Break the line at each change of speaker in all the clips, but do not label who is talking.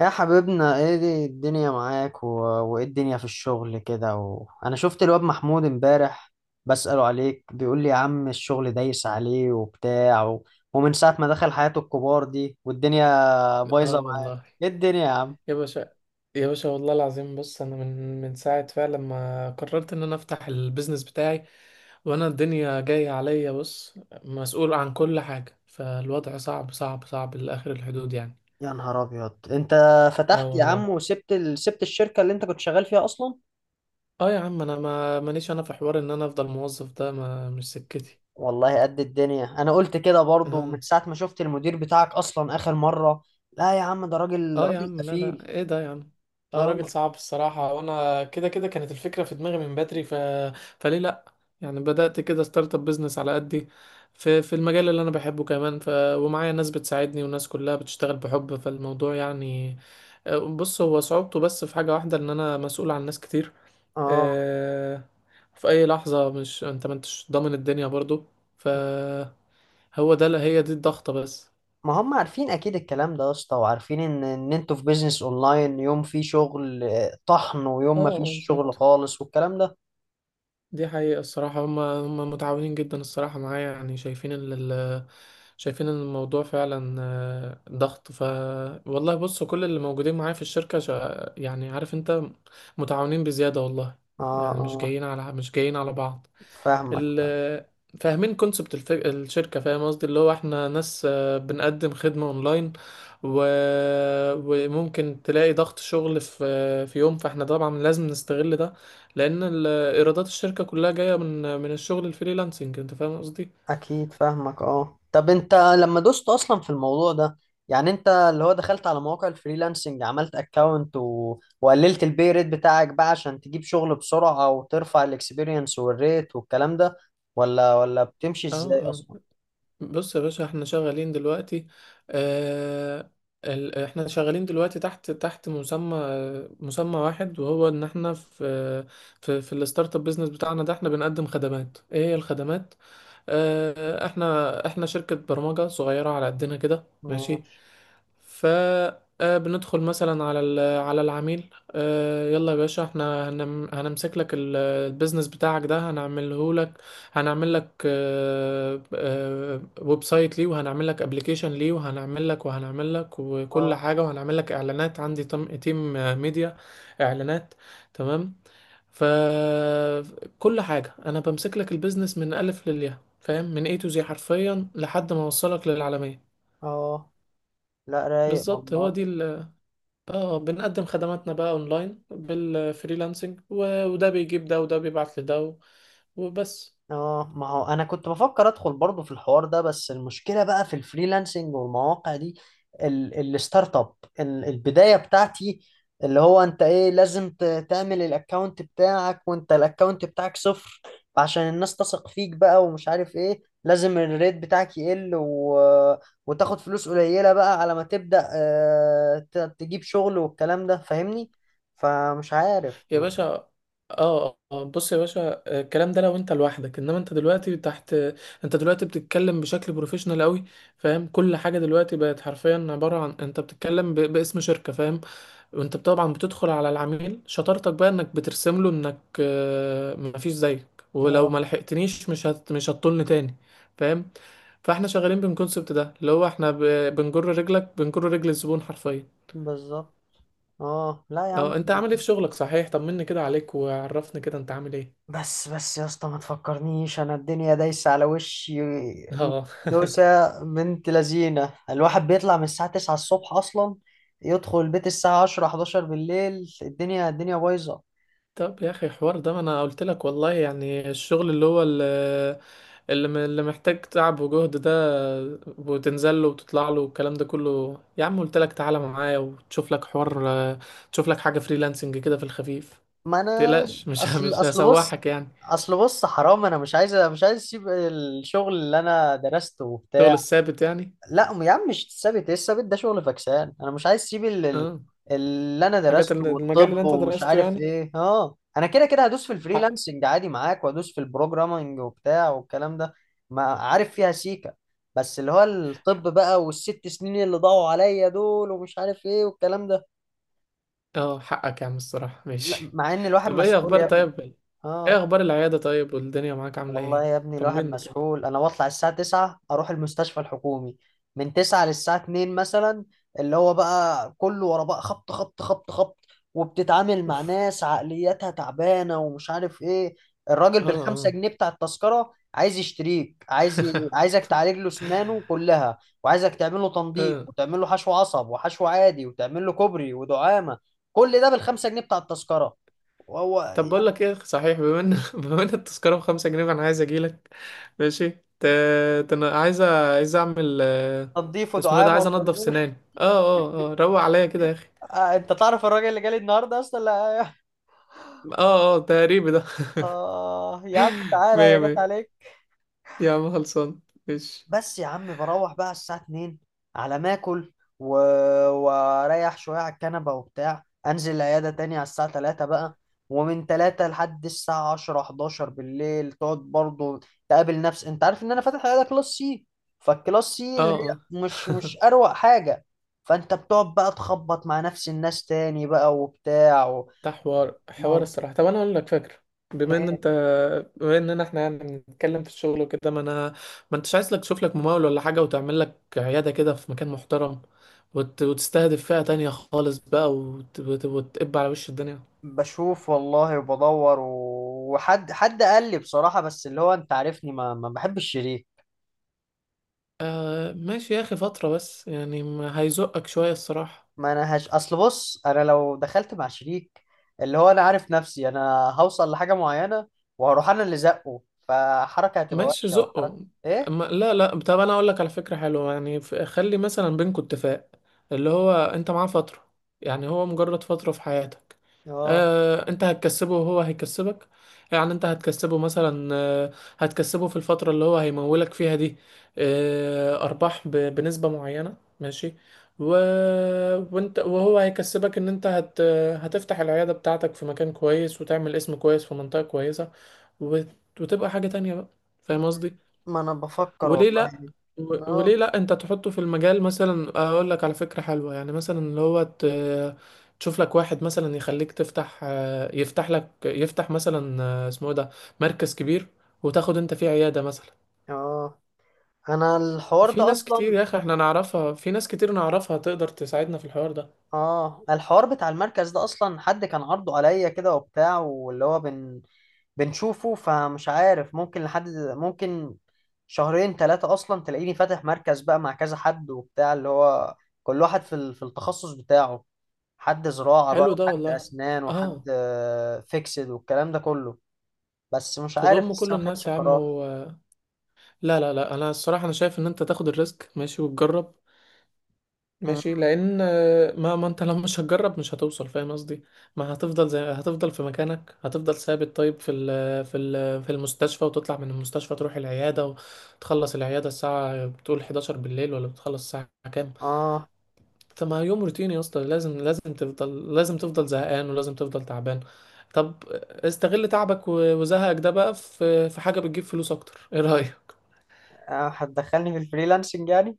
يا حبيبنا، ايه دي الدنيا معاك وايه الدنيا في الشغل كده انا شفت الواد محمود امبارح بسأله عليك، بيقول لي يا عم الشغل دايس عليه وبتاع ومن ساعة ما دخل حياة الكبار دي والدنيا
اه
بايظة معاه.
والله
ايه الدنيا يا عم؟
يا باشا. يا باشا والله العظيم، بص، انا من ساعه فعلا ما قررت ان انا افتح البيزنس بتاعي وانا الدنيا جايه عليا. بص، مسؤول عن كل حاجه، فالوضع صعب صعب صعب لاخر الحدود يعني.
يا نهار ابيض، انت
اه
فتحت يا عم
والله.
وسبت سبت الشركة اللي انت كنت شغال فيها اصلا؟
اه يا عم انا ما مانيش انا في حوار ان انا افضل موظف، ده ما مش سكتي.
والله قد الدنيا، انا قلت كده برضو
آه.
من ساعة ما شفت المدير بتاعك اصلا اخر مرة. لا يا عم، ده راجل
اه يا
راجل
عم، لا
قفيل.
لا، ايه ده يا عم. اه راجل
اه،
صعب الصراحة، وانا كده كده كانت الفكرة في دماغي من بدري فليه لا؟ يعني بدأت كده ستارت اب بيزنس على قدي، في المجال اللي انا بحبه كمان. ومعايا ناس بتساعدني وناس كلها بتشتغل بحب فالموضوع يعني. بص، هو صعوبته بس في حاجة واحدة، ان انا مسؤول عن ناس كتير.
اه.
آه، في اي لحظة، مش انت ما انتش ضامن الدنيا برضو. فهو ده، هي دي الضغطة بس.
ما هم عارفين اكيد الكلام ده يا اسطى، وعارفين ان انتوا في بيزنس اونلاين، يوم فيه شغل آه، طحن،
اه
ويوم ما فيش
اه
شغل
بالظبط،
خالص والكلام ده.
دي حقيقة الصراحة. هم متعاونين جدا الصراحة معايا، يعني شايفين شايفين إن الموضوع فعلا ضغط. والله بص، كل اللي موجودين معايا في الشركة يعني عارف انت، متعاونين بزيادة والله.
اه،
يعني
اه
مش جايين على بعض.
فاهمك فاهم.
ال... فاهمين كونسبت الشركة، فاهم قصدي، اللي هو احنا ناس بنقدم خدمة اونلاين. و... وممكن تلاقي ضغط شغل في يوم، فاحنا طبعا لازم نستغل ده، لان ايرادات الشركة كلها جاية من الشغل الفريلانسنج، انت فاهم قصدي.
اكيد فاهمك. اه، طب انت لما دوست اصلا في الموضوع ده، يعني انت اللي هو دخلت على مواقع الفريلانسنج، عملت اكونت وقللت البي ريت بتاعك بقى عشان تجيب شغل بسرعة، وترفع الاكسبيرينس والريت والكلام ده، ولا بتمشي
اه
ازاي اصلا؟
اه، بص يا باشا، احنا شغالين دلوقتي. آه احنا شغالين دلوقتي تحت مسمى، مسمى واحد، وهو ان احنا في في الستارت اب بيزنس بتاعنا ده. احنا بنقدم خدمات، ايه هي الخدمات؟ احنا شركة برمجة صغيرة على قدنا كده. ماشي،
ماشي.
فبندخل مثلا على على العميل، يلا يا باشا، احنا هنمسك لك البيزنس بتاعك ده، هنعمله لك، هنعمل لك ويب سايت ليه، وهنعمل لك ابلكيشن ليه، وهنعمل لك وكل
اه،
حاجة، وهنعمل لك اعلانات، عندي تيم ميديا، اعلانات. تمام، فكل حاجة انا بمسك لك البيزنس من الف للياء، فاهم، من اي تو زي حرفيا، لحد ما اوصلك للعالمية.
اه، لا رايق
بالظبط، هو
والله.
دي. اه بنقدم خدماتنا بقى اونلاين بالفريلانسنج، وده بيجيب ده وده بيبعت لده وبس.
اه، ما هو انا كنت بفكر ادخل برضو في الحوار ده، بس المشكله بقى في الفريلانسنج والمواقع دي. الستارت اب، البدايه بتاعتي، اللي هو انت ايه، لازم تعمل الاكونت بتاعك، وانت الاكونت بتاعك صفر عشان الناس تثق فيك بقى، ومش عارف ايه لازم الريت بتاعك يقل وتاخد فلوس قليله بقى على ما تبدا آه، تجيب شغل والكلام ده، فاهمني؟ فمش عارف
يا باشا، اه بص يا باشا، الكلام ده لو انت لوحدك، انما انت دلوقتي تحت، انت دلوقتي بتتكلم بشكل بروفيشنال قوي، فاهم؟ كل حاجه دلوقتي بقت حرفيا عباره عن انت بتتكلم باسم شركه، فاهم؟ وانت طبعا بتدخل على العميل، شطارتك بقى انك بترسم له انك مفيش زيك، ولو
اه
ما لحقتنيش مش هتطلني تاني، فاهم؟ فاحنا شغالين بالكونسبت ده، اللي هو احنا ب... بنجر رجلك بنجر رجل الزبون حرفيا.
بالظبط. اه، لا يا عم،
اه انت عامل ايه في شغلك صحيح؟ طمني كده عليك وعرفني كده انت عامل ايه.
بس بس يا اسطى ما تفكرنيش، انا الدنيا دايسه على وشي
اه
دوسه. بنت لذينه، الواحد بيطلع من الساعه 9 الصبح اصلا، يدخل البيت الساعه 10 11 بالليل. الدنيا الدنيا بايظه.
طب يا اخي حوار ده، ما انا قلت لك والله، يعني الشغل اللي هو اللي محتاج تعب وجهد ده، وتنزل له وتطلع له والكلام ده كله، يا عم قلت لك تعالى معايا وتشوف لك حوار، تشوف لك حاجة فريلانسنج كده في الخفيف.
ما انا
متقلقش
اصل
مش
اصل بص
هسوحك يعني.
اصل بص حرام، انا مش عايز اسيب الشغل اللي انا درسته وبتاع.
شغل الثابت يعني؟
لا يا عم، مش الثابت، ايه الثابت ده؟ شغل فكسان، انا مش عايز اسيب
اه،
اللي انا
حاجات
درسته
المجال اللي
والطب
انت
ومش
درسته
عارف
يعني.
ايه. اه انا كده كده هدوس في
حق.
الفريلانسنج عادي معاك، وهدوس في البروجرامنج وبتاع والكلام ده. ما عارف فيها سيكا، بس اللي هو الطب بقى والست سنين اللي ضاعوا عليا دول، ومش عارف ايه والكلام ده.
اه حقك يا عم الصراحة،
لا
ماشي.
مع ان الواحد
طب ايه
مسؤول
اخبار؟
يا ابني.
طيب
اه
ايه اخبار العيادة؟ طيب والدنيا معاك عاملة
والله
ايه؟
يا ابني، الواحد
طمني كده.
مسحول، انا بطلع الساعة 9 اروح المستشفى الحكومي، من 9 للساعة 2 مثلا، اللي هو بقى كله ورا بقى، خبط خبط خبط خبط، وبتتعامل مع
اوف.
ناس عقلياتها تعبانة ومش عارف ايه. الراجل
اه
بالخمسة
اه.
جنيه بتاع التذكرة عايز يشتريك، عايز عايزك تعالج له سنانه كلها، وعايزك تعمل له تنظيف،
اه
وتعمل له حشو عصب وحشو عادي، وتعمل له كوبري ودعامة. كل ده بالخمسة جنيه بتاع التذكرة. وهو
طب بقول لك ايه صحيح، بما ان بما ان التذكرة بخمسة جنيه، فانا عايز اجيلك، ماشي، ت... عايز عايز اعمل،
تنظيف
اسمه ايه ده،
ودعامة
عايز انضف
وكربون.
سناني، اه اه اه، روق عليا كده يا اخي.
آه، انت تعرف الراجل اللي جالي النهارده اصلا؟ لا،
اه اه، تقريبي ده.
اه يا عم تعالى
مية
هي جت
مية،
عليك.
يا عم خلصان، ماشي.
بس يا عم بروح بقى الساعه 2، على ما اكل و... واريح شويه على الكنبه وبتاع، انزل العياده تاني على الساعه 3 بقى، ومن 3 لحد الساعه 10 11 بالليل تقعد برضه، تقابل نفس، انت عارف ان انا فاتح عياده كلاس سي، فالكلاس سي
اه
اللي
اه،
هي مش اروق حاجه، فانت بتقعد بقى تخبط مع نفس الناس تاني بقى وبتاع
ده حوار
ما
حوار
هو-
الصراحة. طب أنا أقول لك فكرة، بما إن
إيه؟
أنت، بما إننا إحنا يعني بنتكلم في الشغل وكده، ما أنا، ما أنتش عايز لك تشوف لك ممول ولا حاجة، وتعمل لك عيادة كده في مكان محترم، وتستهدف فئة تانية خالص بقى، وتقب على وش الدنيا.
بشوف والله وبدور وحد حد قال لي بصراحة، بس اللي هو انت عارفني ما بحبش الشريك.
آه ماشي يا أخي، فترة بس يعني، ما هيزقك شوية الصراحة.
ما انا هش، اصل بص، انا لو دخلت مع شريك اللي هو انا عارف نفسي انا هوصل لحاجة معينة، وهروح انا اللي زقه، فحركة هتبقى
ماشي،
وحشة وحركة.
زقه.
ايه؟
أما لا لا، طب انا اقول لك على فكره حلوه يعني، خلي مثلا بينكوا اتفاق، اللي هو انت معاه فتره، يعني هو مجرد فتره في حياتك.
اه
انت هتكسبه وهو هيكسبك. يعني انت هتكسبه مثلا، هتكسبه في الفتره اللي هو هيمولك فيها دي، ارباح بنسبه معينه، ماشي. و... وانت وهو هيكسبك ان انت هتفتح العياده بتاعتك في مكان كويس، وتعمل اسم كويس في منطقه كويسه، وت... وتبقى حاجه تانية بقى، فاهم
م-
قصدي؟
ما انا بفكر
وليه لا؟
والله. اه،
وليه لا انت تحطه في المجال؟ مثلا اقول لك على فكرة حلوة يعني، مثلا اللي هو تشوف لك واحد مثلا يخليك تفتح، يفتح مثلا، اسمه إيه ده، مركز كبير، وتاخد انت فيه عيادة مثلا.
اه، انا الحوار
في
ده
ناس كتير
اصلا.
يا اخي احنا نعرفها، في ناس كتير نعرفها تقدر تساعدنا في الحوار ده.
اه، الحوار بتاع المركز ده اصلا حد كان عرضه عليا كده وبتاع، واللي هو بنشوفه، فمش عارف ممكن لحد ممكن شهرين ثلاثة اصلا تلاقيني فاتح مركز بقى مع كذا حد وبتاع، اللي هو كل واحد في في التخصص بتاعه، حد زراعة بقى،
حلو ده
وحد
والله.
اسنان،
اه،
وحد فيكسد والكلام ده كله. بس مش عارف
تضم كل
لسه ما خدتش
الناس يا عم
القرار.
لا لا لا، انا الصراحة انا شايف ان انت تاخد الريسك، ماشي، وتجرب.
مم.
ماشي، لان ما انت لو مش هتجرب مش هتوصل، فاهم قصدي؟ ما هتفضل زي، هتفضل في مكانك، هتفضل ثابت، طيب في ال في ال في المستشفى، وتطلع من المستشفى تروح العياده، وتخلص العياده الساعه بتقول 11 بالليل، ولا بتخلص الساعه كام؟
اه
طب ما يوم روتيني يا اسطى، لازم تفضل، لازم تفضل زهقان، ولازم تفضل تعبان. طب استغل تعبك وزهقك ده بقى في في حاجه بتجيب فلوس اكتر، ايه رايك؟
آه، هتدخلني في الفريلانسنج يعني؟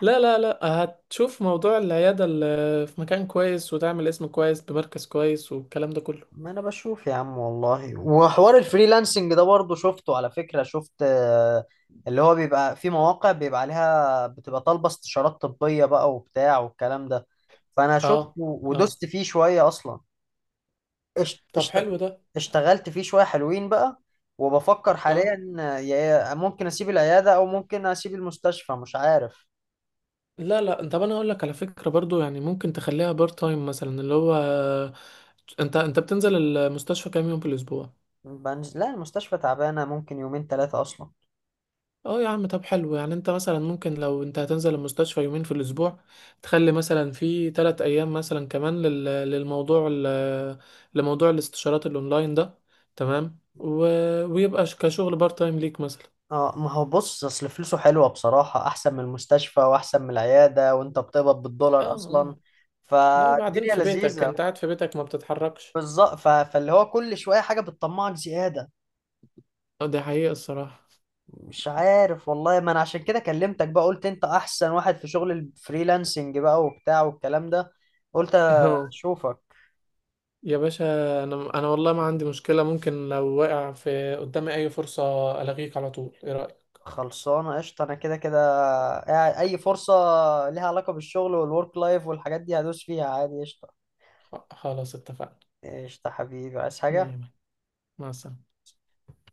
لا لا لا، هتشوف موضوع العيادة اللي في مكان كويس، وتعمل اسم كويس بمركز كويس، والكلام ده كله.
ما انا بشوف يا عم والله، وحوار الفريلانسنج ده برضه شفته على فكرة، شفت آه، اللي هو بيبقى في مواقع بيبقى عليها بتبقى طالبة استشارات طبية بقى وبتاع والكلام ده، فانا شفته
اه اه،
ودست فيه شوية اصلا. اشت-
طب
اشت-
حلو ده.
اشتغلت فيه شوية حلوين بقى، وبفكر
اه
حاليا آه، ممكن اسيب العيادة، او ممكن اسيب المستشفى، مش عارف.
لا لا، طب انا اقول لك على فكرة برضو يعني، ممكن تخليها بار تايم مثلا، اللي هو انت بتنزل المستشفى كام يوم في الاسبوع؟
بنزل لا، المستشفى تعبانة، ممكن يومين ثلاثة اصلا.
اه يا عم، طب حلو، يعني انت مثلا ممكن لو انت هتنزل المستشفى 2 يومين في الاسبوع، تخلي مثلا في 3 ايام مثلا كمان للموضوع لموضوع الاستشارات الاونلاين ده، تمام. ويبقى كشغل بار تايم ليك مثلا.
اه، ما هو بص اصل فلوسه حلوه بصراحه، احسن من المستشفى واحسن من العياده، وانت بتقبض
اه
بالدولار
آه.
اصلا.
لا وبعدين
فالدنيا
في بيتك،
لذيذه
انت قاعد في بيتك ما بتتحركش.
بالظبط. فاللي هو كل شويه حاجه بتطمعك زياده.
اه دي حقيقة الصراحة.
مش عارف والله، ما انا عشان كده كلمتك بقى، قلت انت احسن واحد في شغل الفريلانسنج بقى وبتاع والكلام ده. قلت
اه
اشوفك.
يا باشا، انا انا والله ما عندي مشكلة، ممكن لو واقع في قدامي اي فرصة الغيك على طول، ايه رأيك؟
خلصانه قشطه، انا كده كده اي فرصه ليها علاقه بالشغل والورك لايف والحاجات دي هدوس فيها عادي، قشطه.
خلاص اتفقنا.
قشطه حبيبي، عايز
مية
حاجه؟
مية. مع السلامة.